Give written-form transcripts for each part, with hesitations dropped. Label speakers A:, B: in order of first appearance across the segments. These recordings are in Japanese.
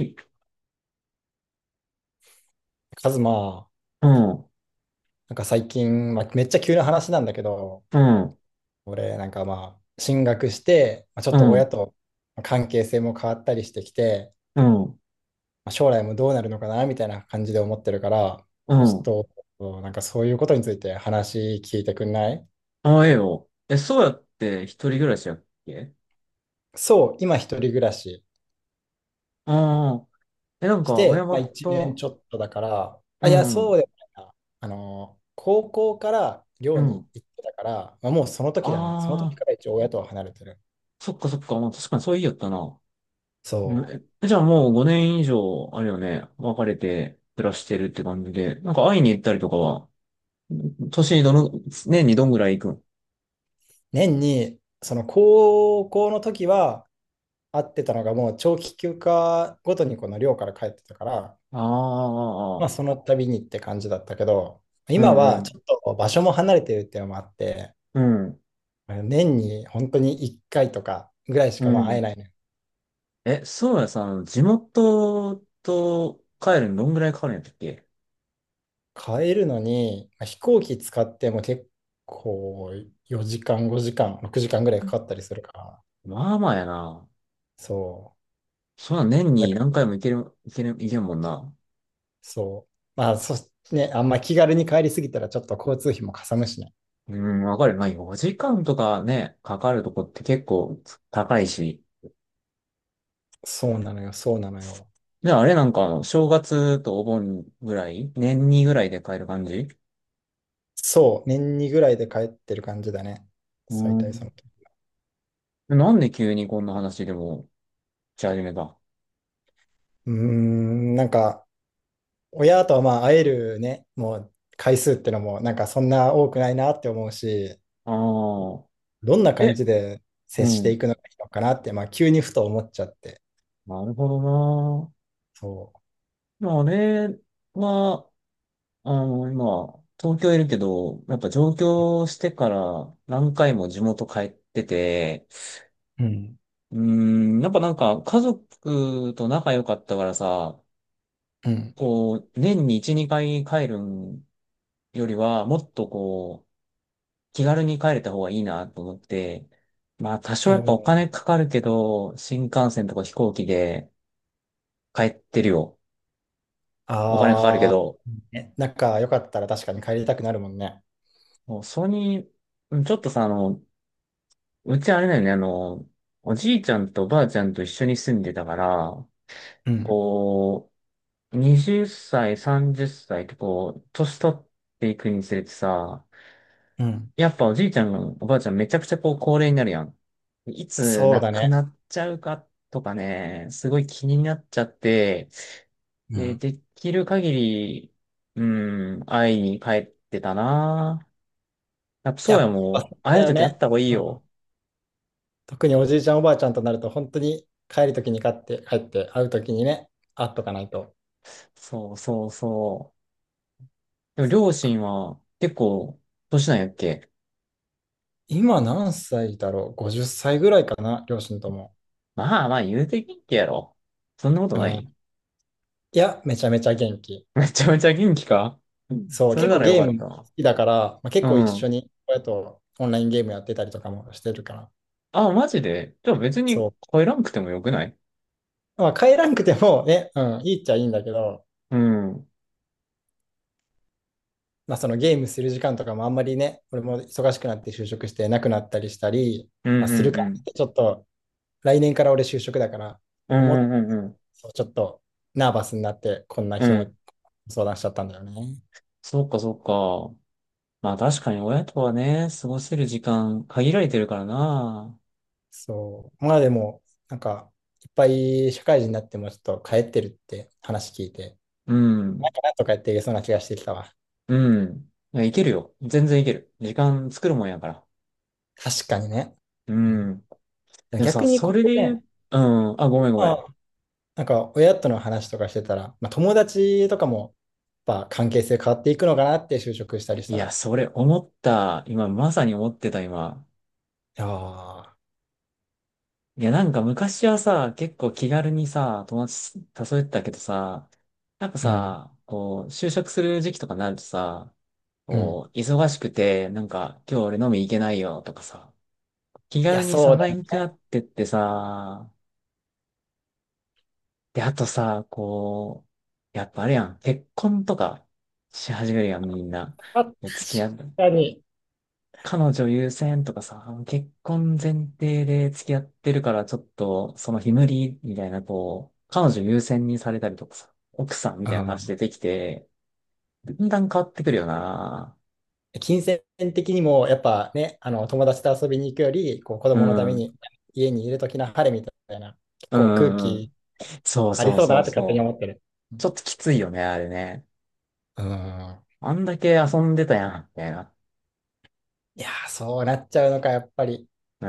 A: い
B: カズマ、
A: うん、
B: なんか最近、まあ、めっちゃ急な話なんだけど、
A: うん、
B: 俺、なんかまあ、進学して、まあ、ちょっ
A: う
B: と親
A: ん、
B: と関係性も変わったりしてきて、
A: うん、
B: まあ、将来もどうなるのかな、みたいな感じで思ってるから、ま
A: う
B: あち
A: ん。
B: ょっと、なんかそういうことについて話聞いてくんない？
A: ああ、ええよ。え、そうやって一人暮らしやっけ？
B: そう、今一人暮らし
A: ああー、え、なん
B: し
A: か、親
B: て、まあ、1年
A: 元、
B: ちょっとだから、
A: う
B: あ、いや、そ
A: ん、
B: うでもないな。高校から
A: う
B: 寮に
A: ん。
B: 行ってたから、まあ、もうその時だね。その時
A: ああ、
B: から一応親とは離れてる。
A: そっかそっか。まあ、確かにそう言いよったな。うん。
B: そう。
A: え、じゃあもう5年以上、あれよね、別れて暮らしてるって感じで、なんか会いに行ったりとかは、年にどの、年にどんぐらい行くん？
B: 年に、その高校の時は会ってたのがもう長期休暇ごとにこの寮から帰ってたから、
A: あ
B: まあ
A: あ、
B: その度にって感じだったけど、
A: う
B: 今
A: ん、う
B: は
A: ん、
B: ちょっと場所も離れてるっていうのもあって、
A: うん、
B: 年に本当に1回とかぐらいし
A: う
B: かまあ会
A: ん。
B: えないね。
A: え、そうやさん、地元と帰るのどんぐらいかかるんやったっけ？
B: 帰るのに、まあ飛行機使っても結構4時間、5時間、6時間ぐらいかかったりするから、
A: まあまあやな。
B: そ
A: そんな年
B: う。だ
A: に
B: か
A: 何
B: ら
A: 回も行ける、行ける、行けるもんな。
B: そう。まあそ、ね、あんま気軽に帰りすぎたらちょっと交通費もかさむしね。
A: うん、わかる。まあ4時間とかね、かかるとこって結構高いし。
B: そうなのよ、そうなのよ。
A: で、あれなんか正月とお盆ぐらい年にぐらいで帰る感じ？
B: そう、年2ぐらいで帰ってる感じだね。
A: う
B: 最大そ
A: ん。
B: の時。
A: なんで急にこんな話でもし始めたあ
B: なんか、親とはまあ会えるね、もう回数ってのも、なんかそんな多くないなって思うし、
A: あー。
B: どんな感
A: え、
B: じで接
A: う
B: して
A: ん。
B: いくのがいいのかなって、まあ急にふと思っちゃって。
A: なるほどな。
B: そ
A: まあ、あれは、今、東京いるけど、やっぱ上京してから何回も地元帰ってて、
B: う。うん。
A: うーん、やっぱなんか家族と仲良かったからさ、
B: うん。
A: こう、年に1、2回帰るよりは、もっとこう、気軽に帰れた方がいいなと思って、まあ多少やっぱお金かかるけど、新幹線とか飛行機で帰ってるよ。お金かかるけ
B: ああ
A: ど、
B: ー、ね、仲良かったら確かに帰りたくなるもんね。
A: もうそれに、うん、ちょっとさ、うちあれだよね、おじいちゃんとおばあちゃんと一緒に住んでたから、
B: うん。
A: こう、20歳、30歳っさいってこう、年取っていくにつれてさ、
B: うん。
A: やっぱおじいちゃん、おばあちゃんめちゃくちゃこう、高齢になるやん。いつ
B: そう
A: 亡
B: だ
A: く
B: ね。
A: なっちゃうかとかね、すごい気になっちゃって、
B: う
A: で、
B: ん。
A: できる限り、うん、会いに帰ってたな。やっぱ
B: や
A: そうや
B: っぱそ
A: もう、
B: う
A: 会え
B: だ
A: る
B: よ
A: とき会っ
B: ね。
A: た方がいい
B: う
A: よ。
B: ん。特におじいちゃんおばあちゃんとなると本当に帰るときに買って帰って会うときにね、会っとかないと。
A: そうそうそう。でも両親は結構年なんやっけ？
B: 今何歳だろう ?50 歳ぐらいかな、両親とも。
A: まあまあ言うて元気やろ。そんなこと
B: う
A: な
B: ん。
A: い？
B: いや、めちゃめちゃ元気。
A: めちゃめちゃ元気か？うん、
B: そう、
A: それ
B: 結
A: な
B: 構
A: らよ
B: ゲー
A: かっ
B: ム好
A: た。
B: きだから、まあ、結
A: う
B: 構一緒
A: ん。
B: に親とオンラインゲームやってたりとかもしてるから。
A: あ、マジでじゃあ別に
B: そう。
A: 帰らんくてもよくない？
B: まあ、帰らんくてもね、うん、いいっちゃいいんだけど、
A: うん。うん
B: まあ、そのゲームする時間とかもあんまりね、俺も忙しくなって就職してなくなったりしたり、
A: う
B: まあ、
A: ん
B: するか
A: う
B: らっ
A: ん。
B: てちょっと来年から俺就職だから、
A: う
B: 思っ、
A: んうんうん
B: ちょっとナーバスになって、こんな
A: うん。
B: 日
A: う
B: も
A: ん。
B: 相談しちゃったんだよね。
A: そっかそっか。まあ確かに親とはね、過ごせる時間限られてるからな。
B: そう。まあでも、なんか、いっぱい社会人になってもちょっと帰ってるって話聞いて、
A: う
B: なん
A: ん。
B: かなんとかやっていけそうな気がしてきたわ。
A: うん。いや、いけるよ。全然いける。時間作るもんやから。
B: 確かにね。
A: う
B: う
A: ん。
B: ん、
A: でも
B: 逆
A: さ、
B: に
A: そ
B: こ
A: れ
B: う
A: で言
B: ね、
A: う、うん、あ、ごめんごめ
B: ま
A: ん。
B: あ、なんか親との話とかしてたら、まあ、友達とかもやっぱ関係性変わっていくのかなって就職したりし
A: い
B: た
A: や、
B: ら、
A: それ思った。今、まさに思ってた、今。
B: いやー、
A: いや、なんか昔はさ、結構気軽にさ、友達誘えてたけどさ、やっぱ
B: うん、
A: さ、こう、就職する時期とかになるとさ、
B: うん。
A: こう、忙しくて、なんか、今日俺飲み行けないよとかさ、気
B: いや、
A: 軽に誘
B: そうだ
A: え
B: ね。
A: なくな
B: 変
A: ってってさ、で、あとさ、こう、やっぱあれやん、結婚とかし始めるやん、みんな。
B: わっ
A: もう付き合う。
B: 確かに。
A: 彼女優先とかさ、結婚前提で付き合ってるから、ちょっと、その日無理みたいな、こう、彼女優先にされたりとかさ、奥さんみたいな話出
B: あ
A: てきて、だんだん変わってくるよな。
B: ー、金銭的にも、やっぱね、あの友達と遊びに行くより、こう子
A: う
B: 供のた
A: ん。
B: め
A: う
B: に
A: ん
B: 家にいるときの晴れみたいな、結
A: う
B: 構空
A: んう
B: 気
A: ん。そう
B: あり
A: そう
B: そうだ
A: そ
B: な
A: う
B: って勝手に
A: そう。
B: 思ってる。う
A: ち
B: ん。
A: ょっときついよね、あれね。
B: うん。
A: あんだけ遊んでたやん、みたいな。
B: いやー、そうなっちゃうのか、やっぱり。
A: うー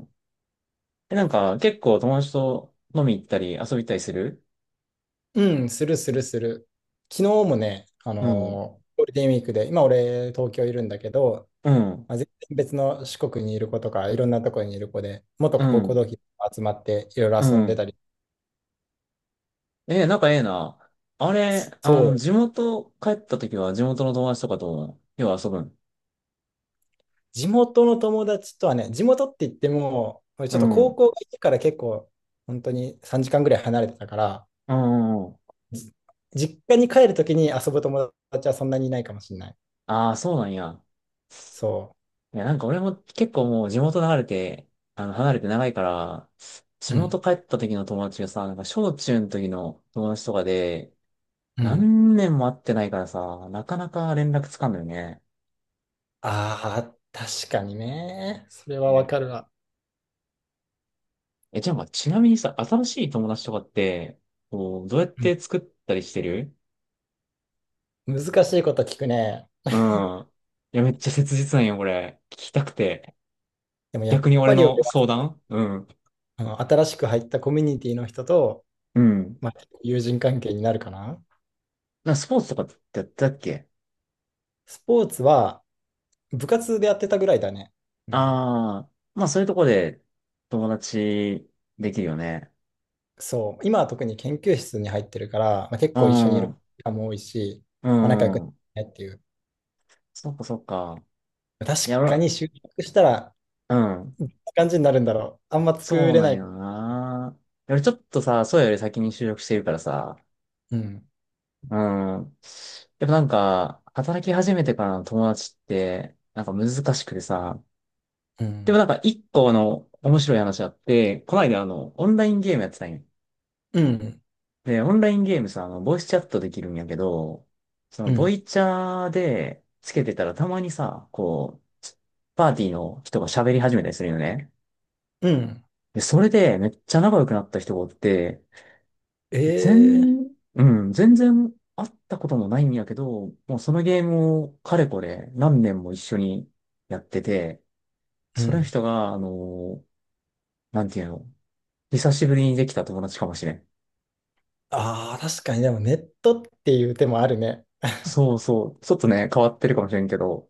A: ん。え、なんか、結構友達と飲み行ったり遊び行ったりする？
B: うん、するするする。昨日もね、
A: うん。
B: ゴールデンウィークで、今俺、東京いるんだけど、
A: うん。
B: まあ、全然別の四国にいる子とか、いろんなところにいる子で、元
A: う
B: 高校
A: ん。
B: 同期と集まっていろいろ
A: う
B: 遊んでた
A: ん。
B: り、
A: ええ、仲ええな。あれ、
B: そう、
A: 地元帰った時は地元の友達とかと、よう遊ぶん？
B: 地元の友達とはね、地元って言っても、俺ち
A: う
B: ょっと
A: ん。う
B: 高
A: ん
B: 校が家から結構、本当に3時間ぐらい離れてたから、
A: うんうん。
B: じ実家に帰るときに遊ぶ友達はそんなにいないかもしれない。
A: ああ、そうなんや。
B: そ
A: いや、なんか俺も結構もう地元離れて、離れて長いから、地
B: う。う
A: 元
B: ん。
A: 帰った時の友達がさ、なんか小中の時の友達とかで、
B: うん。
A: 何年も会ってないからさ、なかなか連絡つかんのよね。
B: ああ、確かにね。それ
A: う
B: はわ
A: ん。
B: かるわ。
A: え、じゃあまあ、ちなみにさ、新しい友達とかって、こう、どうやっ
B: う
A: て
B: ん、
A: 作ったりしてる？
B: 難しいこと聞くね。
A: うん。いや、めっちゃ切実なんよ、これ。聞きたくて。
B: でもやっ
A: 逆に俺
B: ぱり
A: の
B: 俺は
A: 相
B: その、
A: 談。うん。
B: あの新しく入ったコミュニティの人と、
A: うん。
B: まあ、友人関係になるかな。
A: スポーツとかってやってたっけ？
B: スポーツは部活でやってたぐらいだね。うん。
A: ああー、まあそういうとこで友達できるよね。
B: そう、今は特に研究室に入ってるから、まあ、結
A: う
B: 構一緒にい
A: ん、
B: る
A: う
B: 時間も多いし、まあ、仲良く
A: ん。
B: ねっていう。
A: そっかそっか。
B: 確
A: いや、
B: か
A: 俺、
B: に就職したら、
A: うん。
B: こんな感じになるんだろう。あんま作
A: そう
B: れ
A: なん
B: ない。
A: よな。俺ちょっとさ、そうより先に就職してるからさ。
B: うん、
A: うん。やっぱなんか、働き始めてからの友達って、なんか難しくてさ、
B: う
A: でも
B: ん、
A: なんか一個の面白い話あって、この間オンラインゲームやってたんよ。
B: うん、
A: で、オンラインゲームさ、ボイスチャットできるんやけど、その、
B: う
A: ボ
B: ん、
A: イチャーでつけてたらたまにさ、こう、パーティーの人が喋り始めたりするよね。
B: うん。
A: で、それでめっちゃ仲良くなった人がおって、
B: ええ、
A: 全、うん、全然会ったこともないんやけど、もうそのゲームをかれこれ何年も一緒にやってて、
B: う
A: その
B: ん。
A: 人が、なんていうの？久しぶりにできた友達かもしれん。
B: ああ、確かに、でもネットっていう手もあるね。
A: そうそう。ちょっとね、変わってるかもしれんけど。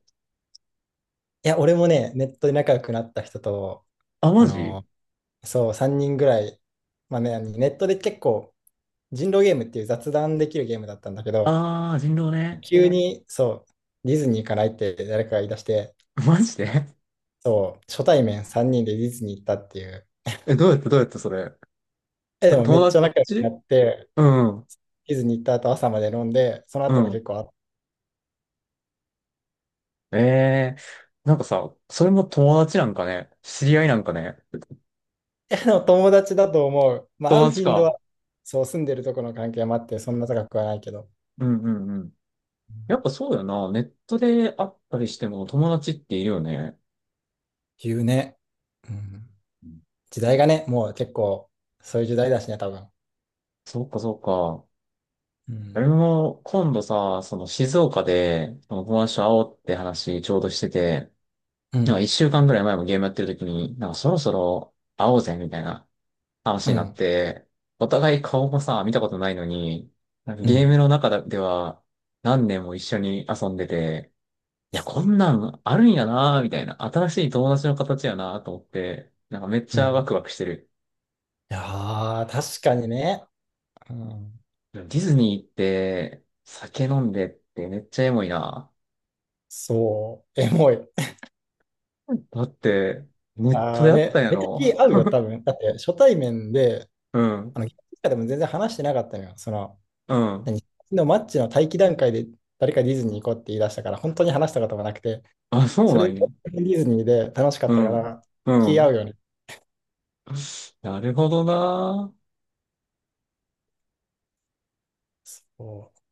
B: いや、俺もね、ネットで仲良くなった人と、
A: あ、
B: あ
A: マジ。
B: のそう、3人ぐらい、まあね、ネットで結構、人狼ゲームっていう雑談できるゲームだったんだけど、
A: あー、人狼ね。
B: 急に、そう、ディズニー行かないって誰かが言い出して、
A: マジで？
B: そう、初対面3人でディズニー行ったっていう。
A: え、どうやってそれ。やっ
B: え、で
A: ぱ
B: もめっ
A: 友
B: ちゃ仲良くな
A: 達。
B: って、
A: うん、
B: ディズニー行った後朝まで飲んで、その
A: う
B: 後も
A: ん。
B: 結構あって、
A: ええー、なんかさ、それも友達なんかね、知り合いなんかね。
B: えでも友達だと思う。まあ、会
A: 友
B: う
A: 達
B: 頻度は、
A: か。
B: そう、住んでるとこの関係もあって、そんな高くはないけど。っ
A: うんうんうん。やっぱそうだよな。ネットで会ったりしても友達っているよね。
B: ていうね。うん。
A: うん。
B: 時代がね、もう結構、そういう時代だしね、多分。
A: そっかそっか。
B: うん。
A: 俺も今度さ、その静岡で、その友達と会おうって話ちょうどしてて、
B: う
A: なんか一
B: ん。
A: 週間ぐらい前もゲームやってる時に、なんかそろそろ会おうぜみたいな話
B: う
A: になっ
B: ん。
A: て、お互い顔もさ、見たことないのに、なんか
B: う
A: ゲーム
B: ん。
A: の中では何年も一緒に遊んでて、いや、こんなんあるんやなみたいな、新しい友達の形やなと思って、なんかめっ
B: う
A: ち
B: ん。い
A: ゃワクワクしてる。
B: やー、確かにね。うん。
A: ディズニーって酒飲んでってめっちゃエモいな。
B: そう、エモい。
A: だって、ネット
B: あ
A: で
B: あ、
A: あった
B: で、
A: んや
B: めっちゃ
A: ろ。
B: 気合うよ、多分。だって、初対面で、
A: うん。
B: ゲームとかでも全然話してなかったのよ。その、
A: うん。
B: 何のマッチの待機段階で誰かディズニー行こうって言い出したから、本当に話したこともなくて、
A: あ、そう
B: そ
A: な
B: れで
A: んや。
B: ディズニーで楽しかっ
A: う
B: たか
A: ん。
B: ら、
A: う
B: 気合う
A: ん。
B: よね。
A: なるほどな。
B: そう